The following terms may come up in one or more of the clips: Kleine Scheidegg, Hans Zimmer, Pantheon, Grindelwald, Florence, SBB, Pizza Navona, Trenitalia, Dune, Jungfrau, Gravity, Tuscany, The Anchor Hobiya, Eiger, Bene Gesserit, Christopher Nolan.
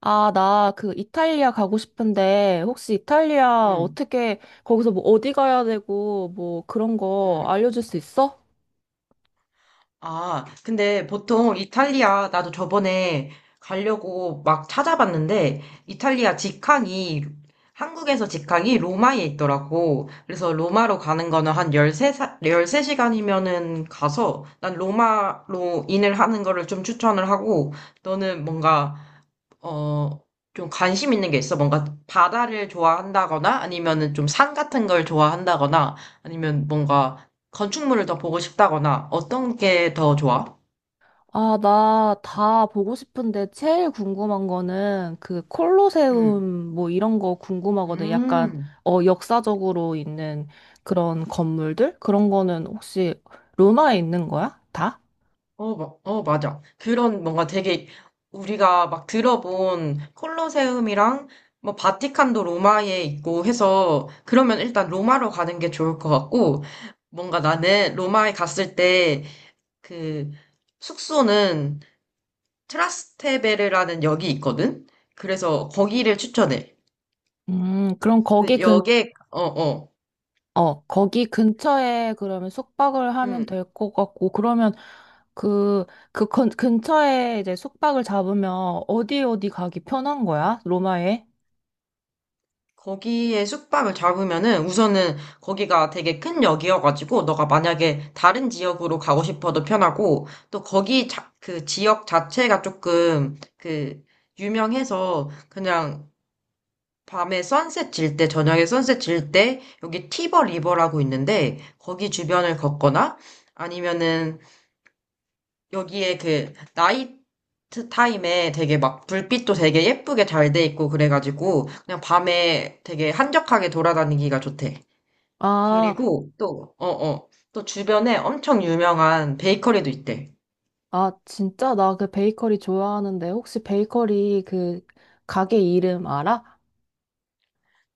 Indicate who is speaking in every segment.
Speaker 1: 아, 나 그 이탈리아 가고 싶은데 혹시 이탈리아
Speaker 2: 음,
Speaker 1: 어떻게 거기서 뭐 어디 가야 되고 뭐 그런 거
Speaker 2: 음.
Speaker 1: 알려줄 수 있어?
Speaker 2: 아, 근데 보통 이탈리아, 나도 저번에 가려고 막 찾아봤는데, 이탈리아 직항이, 한국에서 직항이 로마에 있더라고. 그래서 로마로 가는 거는 한 13시간이면은 가서, 난 로마로 인을 하는 거를 좀 추천을 하고, 너는 뭔가 어, 좀 관심 있는 게 있어? 뭔가 바다를 좋아한다거나 아니면은 좀 산 같은 걸 좋아한다거나 아니면 뭔가 건축물을 더 보고 싶다거나 어떤 게 더 좋아?
Speaker 1: 아, 나 다 보고 싶은데 제일 궁금한 거는 그
Speaker 2: 음,
Speaker 1: 콜로세움 뭐 이런 거 궁금하거든. 약간
Speaker 2: 음,
Speaker 1: 역사적으로 있는 그런 건물들? 그런 거는 혹시 로마에 있는 거야? 다?
Speaker 2: 맞아. 그런 뭔가 되게 우리가 막 들어본 콜로세움이랑 뭐 바티칸도 로마에 있고 해서 그러면 일단 로마로 가는 게 좋을 것 같고, 뭔가 나는 로마에 갔을 때 그 숙소는 트라스테베르라는 역이 있거든? 그래서 거기를 추천해.
Speaker 1: 그럼
Speaker 2: 그래서 역에,
Speaker 1: 거기 근처에 그러면 숙박을 하면
Speaker 2: 음,
Speaker 1: 될 것 같고, 그러면 그, 그 근처에 이제 숙박을 잡으면 어디 어디 가기 편한 거야? 로마에?
Speaker 2: 거기에 숙박을 잡으면은 우선은 거기가 되게 큰 역이어가지고 너가 만약에 다른 지역으로 가고 싶어도 편하고, 또 거기 그 지역 자체가 조금 그 유명해서 그냥 밤에 선셋 질 때, 저녁에 선셋 질때 여기 티버 리버라고 있는데 거기 주변을 걷거나 아니면은 여기에 그 나이트 타임에 되게 막 불빛도 되게 예쁘게 잘 돼 있고, 그래가지고 그냥 밤에 되게 한적하게 돌아다니기가 좋대.
Speaker 1: 아,
Speaker 2: 그리고 또, 또 주변에 엄청 유명한 베이커리도 있대.
Speaker 1: 아, 진짜 나 그 베이커리 좋아하는데 혹시 베이커리 그 가게 이름 알아?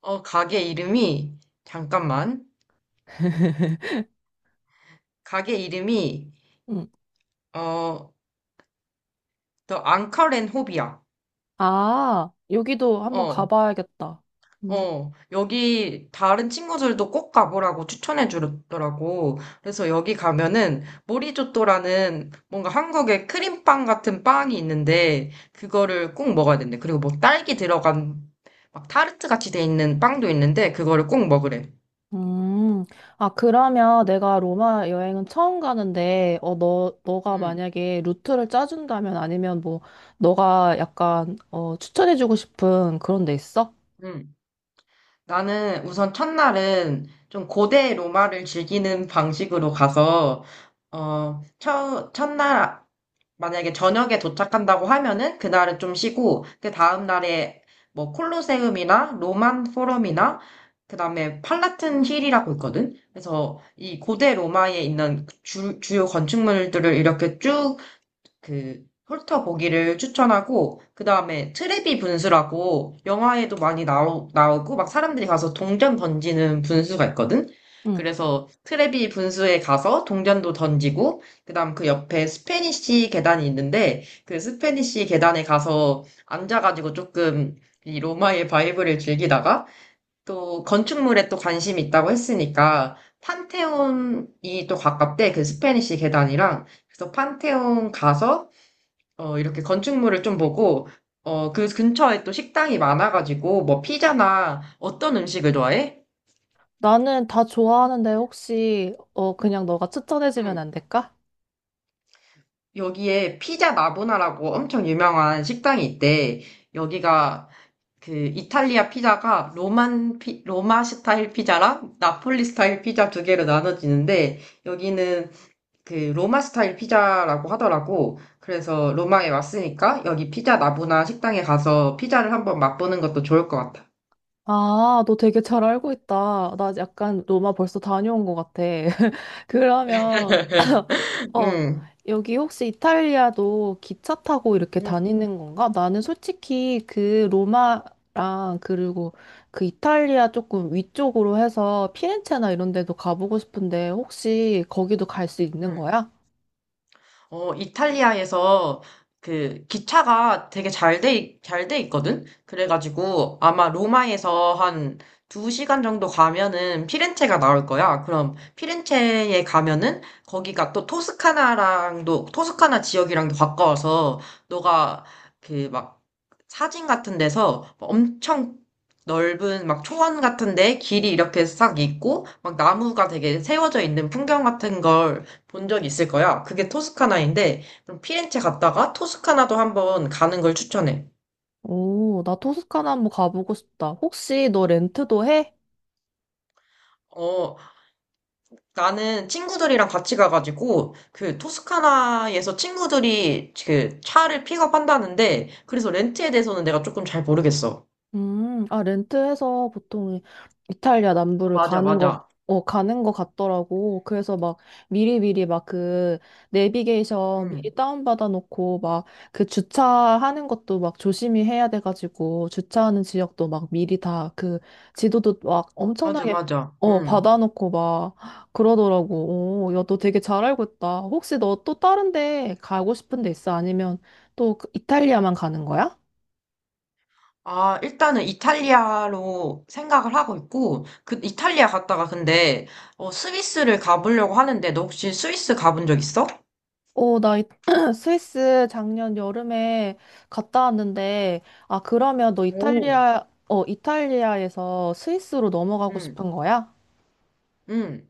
Speaker 2: 어, 가게 이름이, 잠깐만. 가게 이름이,
Speaker 1: 응.
Speaker 2: 어, 더 앙카렌 호비야.
Speaker 1: 아, 여기도 한번
Speaker 2: 어,
Speaker 1: 가봐야겠다.
Speaker 2: 여기 다른 친구들도 꼭 가보라고 추천해 주더라고. 그래서 여기 가면은 모리조또라는 뭔가 한국의 크림빵 같은 빵이 있는데 그거를 꼭 먹어야 된대. 그리고 뭐 딸기 들어간 막 타르트 같이 돼 있는 빵도 있는데 그거를 꼭 먹으래.
Speaker 1: 음, 아, 그러면 내가 로마 여행은 처음 가는데, 너가
Speaker 2: 음,
Speaker 1: 만약에 루트를 짜준다면 아니면 뭐, 너가 약간, 추천해주고 싶은 그런 데 있어?
Speaker 2: 음. 나는 우선 첫날은 좀 고대 로마를 즐기는 방식으로 가서 어, 첫날 만약에 저녁에 도착한다고 하면은 그날은 좀 쉬고 그 다음 날에 뭐 콜로세움이나 로만 포럼이나 그다음에 팔라튼 힐이라고 있거든. 그래서 이 고대 로마에 있는 주요 건축물들을 이렇게 쭉 그 훑어보기를 추천하고, 그 다음에 트레비 분수라고 영화에도 많이 나오고 막 사람들이 가서 동전 던지는 분수가 있거든.
Speaker 1: 응.
Speaker 2: 그래서 트레비 분수에 가서 동전도 던지고 그다음 그 옆에 스페니쉬 계단이 있는데 그 스페니쉬 계단에 가서 앉아가지고 조금 이 로마의 바이브를 즐기다가, 또 건축물에 또 관심이 있다고 했으니까 판테온이 또 가깝대, 그 스페니쉬 계단이랑. 그래서 판테온 가서 어, 이렇게 건축물을 좀 보고, 어, 그 근처에 또 식당이 많아가지고, 뭐, 피자나 어떤 음식을 좋아해?
Speaker 1: 나는 다 좋아하는데 혹시, 그냥 너가 추천해주면
Speaker 2: 응.
Speaker 1: 안 될까?
Speaker 2: 여기에 피자 나보나라고 엄청 유명한 식당이 있대. 여기가 그 이탈리아 피자가 로마 스타일 피자랑 나폴리 스타일 피자 두 개로 나눠지는데, 여기는 그 로마 스타일 피자라고 하더라고. 그래서 로마에 왔으니까 여기 피자 나보나 식당에 가서 피자를 한번 맛보는 것도 좋을 것 같아.
Speaker 1: 아, 너 되게 잘 알고 있다. 나 약간 로마 벌써 다녀온 것 같아. 그러면, 어,
Speaker 2: 응.
Speaker 1: 여기 혹시 이탈리아도 기차 타고 이렇게
Speaker 2: 음,
Speaker 1: 다니는 건가? 나는 솔직히 그 로마랑 그리고 그 이탈리아 조금 위쪽으로 해서 피렌체나 이런 데도 가보고 싶은데 혹시 거기도 갈 수 있는
Speaker 2: 음.
Speaker 1: 거야?
Speaker 2: 어, 이탈리아에서 그 기차가 되게 잘돼 있거든? 그래가지고 아마 로마에서 한 두 시간 정도 가면은 피렌체가 나올 거야. 그럼 피렌체에 가면은 거기가 또 토스카나 지역이랑도 가까워서 너가 그 막 사진 같은 데서 뭐 엄청 넓은 막 초원 같은데 길이 이렇게 싹 있고 막 나무가 되게 세워져 있는 풍경 같은 걸 본 적 있을 거야. 그게 토스카나인데, 그럼 피렌체 갔다가 토스카나도 한번 가는 걸 추천해.
Speaker 1: 오, 나 토스카나 한번 가보고 싶다. 혹시 너 렌트도 해?
Speaker 2: 어, 나는 친구들이랑 같이 가가지고, 그 토스카나에서 친구들이 그 차를 픽업한다는데, 그래서 렌트에 대해서는 내가 조금 잘 모르겠어.
Speaker 1: 아, 렌트해서 보통 이탈리아
Speaker 2: 어,
Speaker 1: 남부를
Speaker 2: 맞아, 맞아.
Speaker 1: 가는 거 같더라고. 그래서 막 미리미리 막 그 내비게이션 미리
Speaker 2: 음.
Speaker 1: 다운받아 놓고 막 그 주차하는 것도 막 조심히 해야 돼가지고 주차하는 지역도 막 미리 다 그 지도도 막
Speaker 2: 맞아,
Speaker 1: 엄청나게
Speaker 2: 맞아. 음.
Speaker 1: 받아놓고 막 그러더라고. 오, 야, 너 되게 잘 알고 있다. 혹시 너 또 다른 데 가고 싶은 데 있어? 아니면 또 그 이탈리아만 가는 거야?
Speaker 2: 아, 일단은 이탈리아로 생각을 하고 있고, 그 이탈리아 갔다가 근데, 어, 스위스를 가보려고 하는데, 너 혹시 스위스 가본 적 있어?
Speaker 1: 어, 나 스위스 작년 여름에 갔다 왔는데, 아, 그러면 너
Speaker 2: 오.
Speaker 1: 이탈리아에서 스위스로 넘어가고
Speaker 2: 음.
Speaker 1: 싶은 거야?
Speaker 2: 응,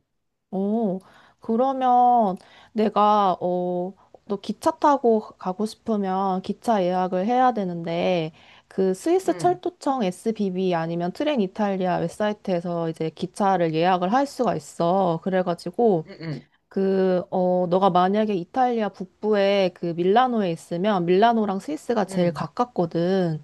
Speaker 1: 어, 그러면 내가, 어, 너 기차 타고 가고 싶으면 기차 예약을 해야 되는데, 그 스위스
Speaker 2: 응,
Speaker 1: 철도청 SBB 아니면 트렌 이탈리아 웹사이트에서 이제 기차를 예약을 할 수가 있어. 그래가지고,
Speaker 2: 응, 응,
Speaker 1: 너가 만약에 이탈리아 북부에 그 밀라노에 있으면 밀라노랑 스위스가 제일
Speaker 2: 응.
Speaker 1: 가깝거든.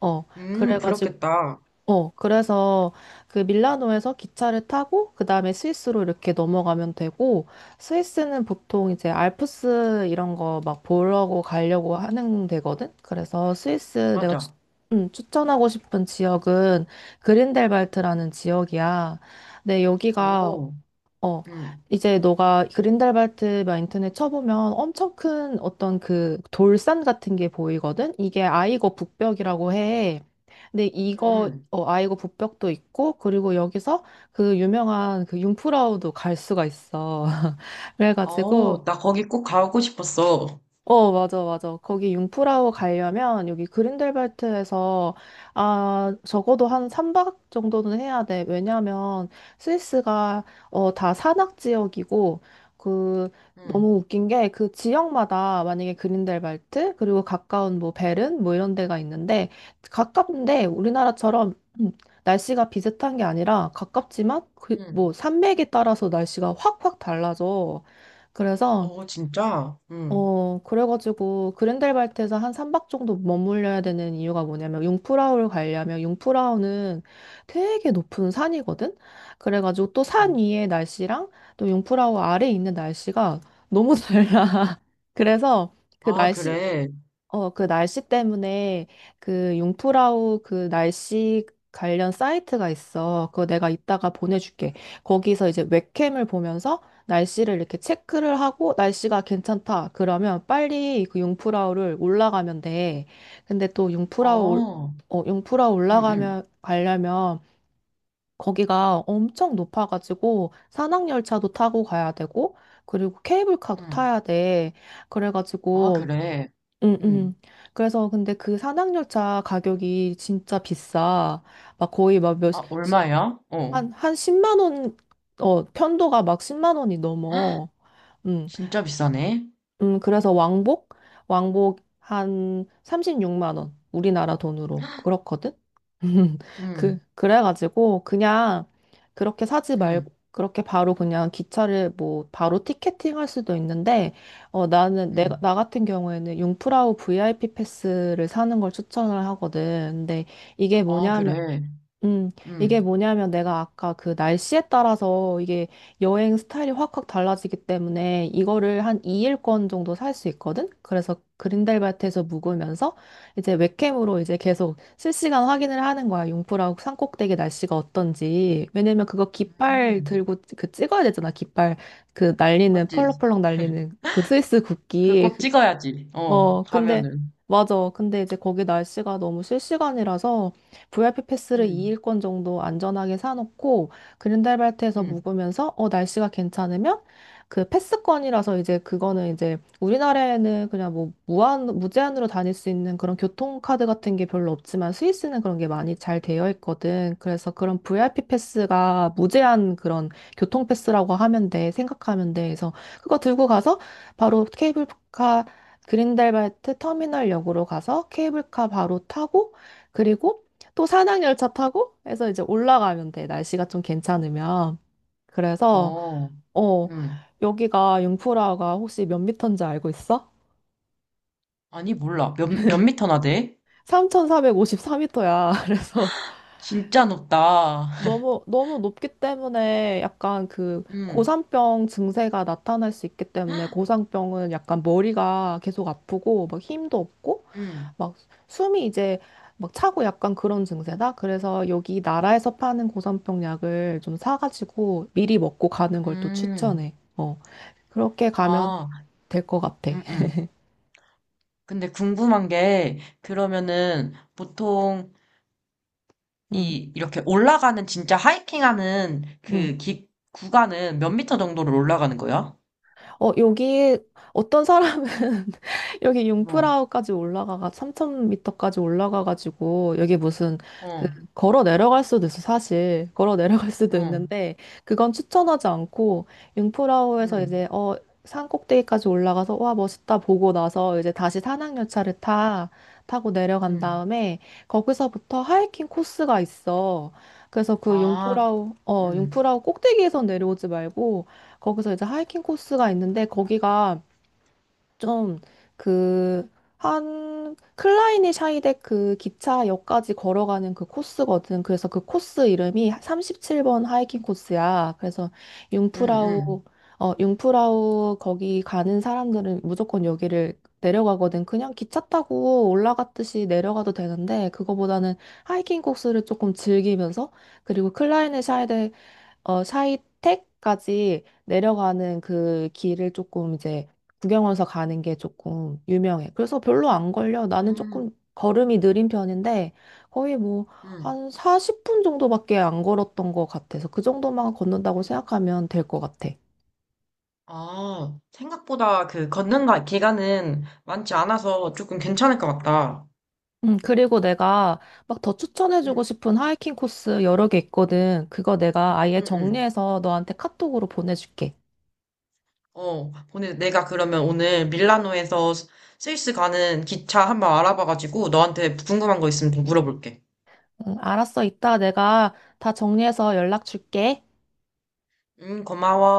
Speaker 1: 어, 그래가지고,
Speaker 2: 그렇겠다.
Speaker 1: 그래서 그 밀라노에서 기차를 타고 그 다음에 스위스로 이렇게 넘어가면 되고 스위스는 보통 이제 알프스 이런 거 막 보려고 가려고 하는 데거든. 그래서 스위스 내가
Speaker 2: 맞아.
Speaker 1: 추천하고 싶은 지역은 그린델발트라는 지역이야. 네, 여기가
Speaker 2: 오,
Speaker 1: 어,
Speaker 2: 응,
Speaker 1: 이제 너가 그린달발트 마인턴에 쳐보면 엄청 큰 어떤 그 돌산 같은 게 보이거든? 이게 아이거 북벽이라고 해. 근데
Speaker 2: 응.
Speaker 1: 아이거 북벽도 있고, 그리고 여기서 그 유명한 그 융프라우도 갈 수가 있어. 그래가지고,
Speaker 2: 어, 나 거기 꼭 가고 싶었어.
Speaker 1: 맞아, 맞아. 거기 융프라우 가려면 여기 그린델발트에서, 아, 적어도 한 3박 정도는 해야 돼. 왜냐면 스위스가, 다 산악 지역이고, 그,
Speaker 2: 응,
Speaker 1: 너무 웃긴 게 그 지역마다 만약에 그린델발트, 그리고 가까운 뭐 베른, 뭐 이런 데가 있는데, 가깝는데 우리나라처럼 음, 날씨가 비슷한 게 아니라 가깝지만, 그, 뭐
Speaker 2: 응.
Speaker 1: 산맥에 따라서 날씨가 확확 달라져. 그래서,
Speaker 2: 어, 진짜? 응,
Speaker 1: 그래가지고 그랜델발트에서 한 3박 정도 머물려야 되는 이유가 뭐냐면 융프라우를 가려면 융프라우는 되게 높은 산이거든? 그래가지고 또 산
Speaker 2: 응.
Speaker 1: 위의 날씨랑 또 융프라우 아래에 있는 날씨가 너무 달라. 그래서
Speaker 2: 아, 그래.
Speaker 1: 그 날씨 때문에 그 융프라우 그 날씨 관련 사이트가 있어. 그거 내가 이따가 보내줄게. 거기서 이제 웹캠을 보면서 날씨를 이렇게 체크를 하고 날씨가 괜찮다. 그러면 빨리 그 융프라우를 올라가면 돼. 근데 또
Speaker 2: 어,
Speaker 1: 융프라우
Speaker 2: 응, 응,
Speaker 1: 가려면 거기가 엄청 높아가지고 산악열차도 타고 가야 되고 그리고 케이블카도
Speaker 2: 응.
Speaker 1: 타야 돼.
Speaker 2: 아,
Speaker 1: 그래가지고
Speaker 2: 그래.
Speaker 1: 음,
Speaker 2: 응.
Speaker 1: 음. 그래서 근데 그 산악열차 가격이 진짜 비싸. 막 거의 막
Speaker 2: 아, 얼마야? 어,
Speaker 1: 한 10만 원, 편도가 막 10만 원이 넘어. 응.
Speaker 2: 진짜 비싸네.
Speaker 1: 그래서 왕복? 왕복 한 36만 원. 우리나라 돈으로. 그렇거든? 그,
Speaker 2: 응,
Speaker 1: 그래가지고 그냥 그렇게 사지 말고,
Speaker 2: 응,
Speaker 1: 그렇게 바로 그냥 기차를 뭐 바로 티켓팅 할 수도 있는데,
Speaker 2: 응.
Speaker 1: 나 같은 경우에는 융프라우 VIP 패스를 사는 걸 추천을 하거든. 근데 이게
Speaker 2: 아,
Speaker 1: 뭐냐면,
Speaker 2: 그래.
Speaker 1: 음,
Speaker 2: 응,
Speaker 1: 이게 뭐냐면 내가 아까 그 날씨에 따라서 이게 여행 스타일이 확확 달라지기 때문에 이거를 한 2일권 정도 살 수 있거든? 그래서 그린델발트에서 묵으면서 이제 웹캠으로 이제 계속 실시간 확인을 하는 거야. 융프라고 산꼭대기 날씨가 어떤지. 왜냐면 그거 깃발
Speaker 2: 응.
Speaker 1: 들고 그 찍어야 되잖아. 깃발 그 날리는
Speaker 2: 맞지?
Speaker 1: 펄럭펄럭 날리는 그 스위스
Speaker 2: 그
Speaker 1: 국기.
Speaker 2: 꼭 찍어야지. 어,
Speaker 1: 근데,
Speaker 2: 가면은.
Speaker 1: 맞아. 근데 이제 거기 날씨가 너무 실시간이라서 VIP 패스를
Speaker 2: 응.
Speaker 1: 2일권 정도 안전하게 사놓고 그린달발트에서
Speaker 2: 응,
Speaker 1: 묵으면서 날씨가 괜찮으면 그 패스권이라서 이제 그거는 이제 우리나라에는 그냥 뭐 무제한으로 다닐 수 있는 그런 교통카드 같은 게 별로 없지만 스위스는 그런 게 많이 잘 되어 있거든. 그래서 그런 VIP 패스가 무제한 그런 교통패스라고 하면 돼. 생각하면 돼. 그래서 그거 들고 가서 바로 케이블카 그린델발트 터미널역으로 가서 케이블카 바로 타고 그리고 또 산악열차 타고 해서 이제 올라가면 돼. 날씨가 좀 괜찮으면. 그래서
Speaker 2: 어,
Speaker 1: 어
Speaker 2: 응.
Speaker 1: 여기가 융프라가 혹시 몇 미터인지 알고 있어?
Speaker 2: 아니, 몰라. 몇, 몇 미터나 돼?
Speaker 1: 3,454미터야. 그래서
Speaker 2: 진짜 높다.
Speaker 1: 너무 너무 높기 때문에 약간 그
Speaker 2: 응,
Speaker 1: 고산병 증세가 나타날 수 있기 때문에 고산병은 약간 머리가 계속 아프고 막 힘도 없고
Speaker 2: 응,
Speaker 1: 막 숨이 이제 막 차고 약간 그런 증세다. 그래서 여기 나라에서 파는 고산병 약을 좀 사가지고 미리 먹고 가는 걸 또
Speaker 2: 응.
Speaker 1: 추천해. 그렇게 가면
Speaker 2: 아,
Speaker 1: 될 것 같아.
Speaker 2: 응, 응. 근데 궁금한 게, 그러면은, 보통,
Speaker 1: 응,
Speaker 2: 이, 이렇게 올라가는, 진짜 하이킹 하는
Speaker 1: 응.
Speaker 2: 구간은 몇 미터 정도를 올라가는 거야?
Speaker 1: 여기 어떤 사람은 여기
Speaker 2: 어,
Speaker 1: 융프라우까지 올라가가 3,000미터까지 올라가가지고 여기 무슨 그
Speaker 2: 어,
Speaker 1: 걸어 내려갈 수도 있어 사실 걸어 내려갈 수도
Speaker 2: 어,
Speaker 1: 있는데 그건 추천하지 않고 융프라우에서
Speaker 2: 응,
Speaker 1: 이제 산 꼭대기까지 올라가서 와 멋있다 보고 나서 이제 다시 산악열차를 타 타고 내려간
Speaker 2: 응.
Speaker 1: 다음에 거기서부터 하이킹 코스가 있어. 그래서
Speaker 2: 아, 응,
Speaker 1: 융프라우 꼭대기에서 내려오지 말고 거기서 이제 하이킹 코스가 있는데 거기가 좀 그 한 클라이니 샤이덱 그 기차역까지 걸어가는 그 코스거든. 그래서 그 코스 이름이 37번 하이킹 코스야. 그래서
Speaker 2: 응, 응.
Speaker 1: 융프라우 융프라우 거기 가는 사람들은 무조건 여기를 내려가거든. 그냥 기차 타고 올라갔듯이 내려가도 되는데 그거보다는 하이킹 코스를 조금 즐기면서 그리고 클라이네 샤이택까지 내려가는 그 길을 조금 이제 구경하면서 가는 게 조금 유명해. 그래서 별로 안 걸려. 나는 조금
Speaker 2: 응,
Speaker 1: 걸음이 느린 편인데 거의 뭐
Speaker 2: 응.
Speaker 1: 한 40분 정도밖에 안 걸었던 것 같아서 그 정도만 걷는다고 생각하면 될 것 같아.
Speaker 2: 아, 생각보다 그 걷는 날 기간은 많지 않아서 조금 괜찮을 것 같다.
Speaker 1: 그리고 내가 막 더
Speaker 2: 응,
Speaker 1: 추천해주고 싶은 하이킹 코스 여러 개 있거든. 그거 내가 아예
Speaker 2: 응, 응.
Speaker 1: 정리해서 너한테 카톡으로 보내줄게.
Speaker 2: 어, 오늘 내가 그러면 오늘 밀라노에서 스위스 가는 기차 한번 알아봐가지고 너한테 궁금한 거 있으면 좀 물어볼게.
Speaker 1: 응, 알았어. 이따 내가 다 정리해서 연락 줄게.
Speaker 2: 응, 고마워.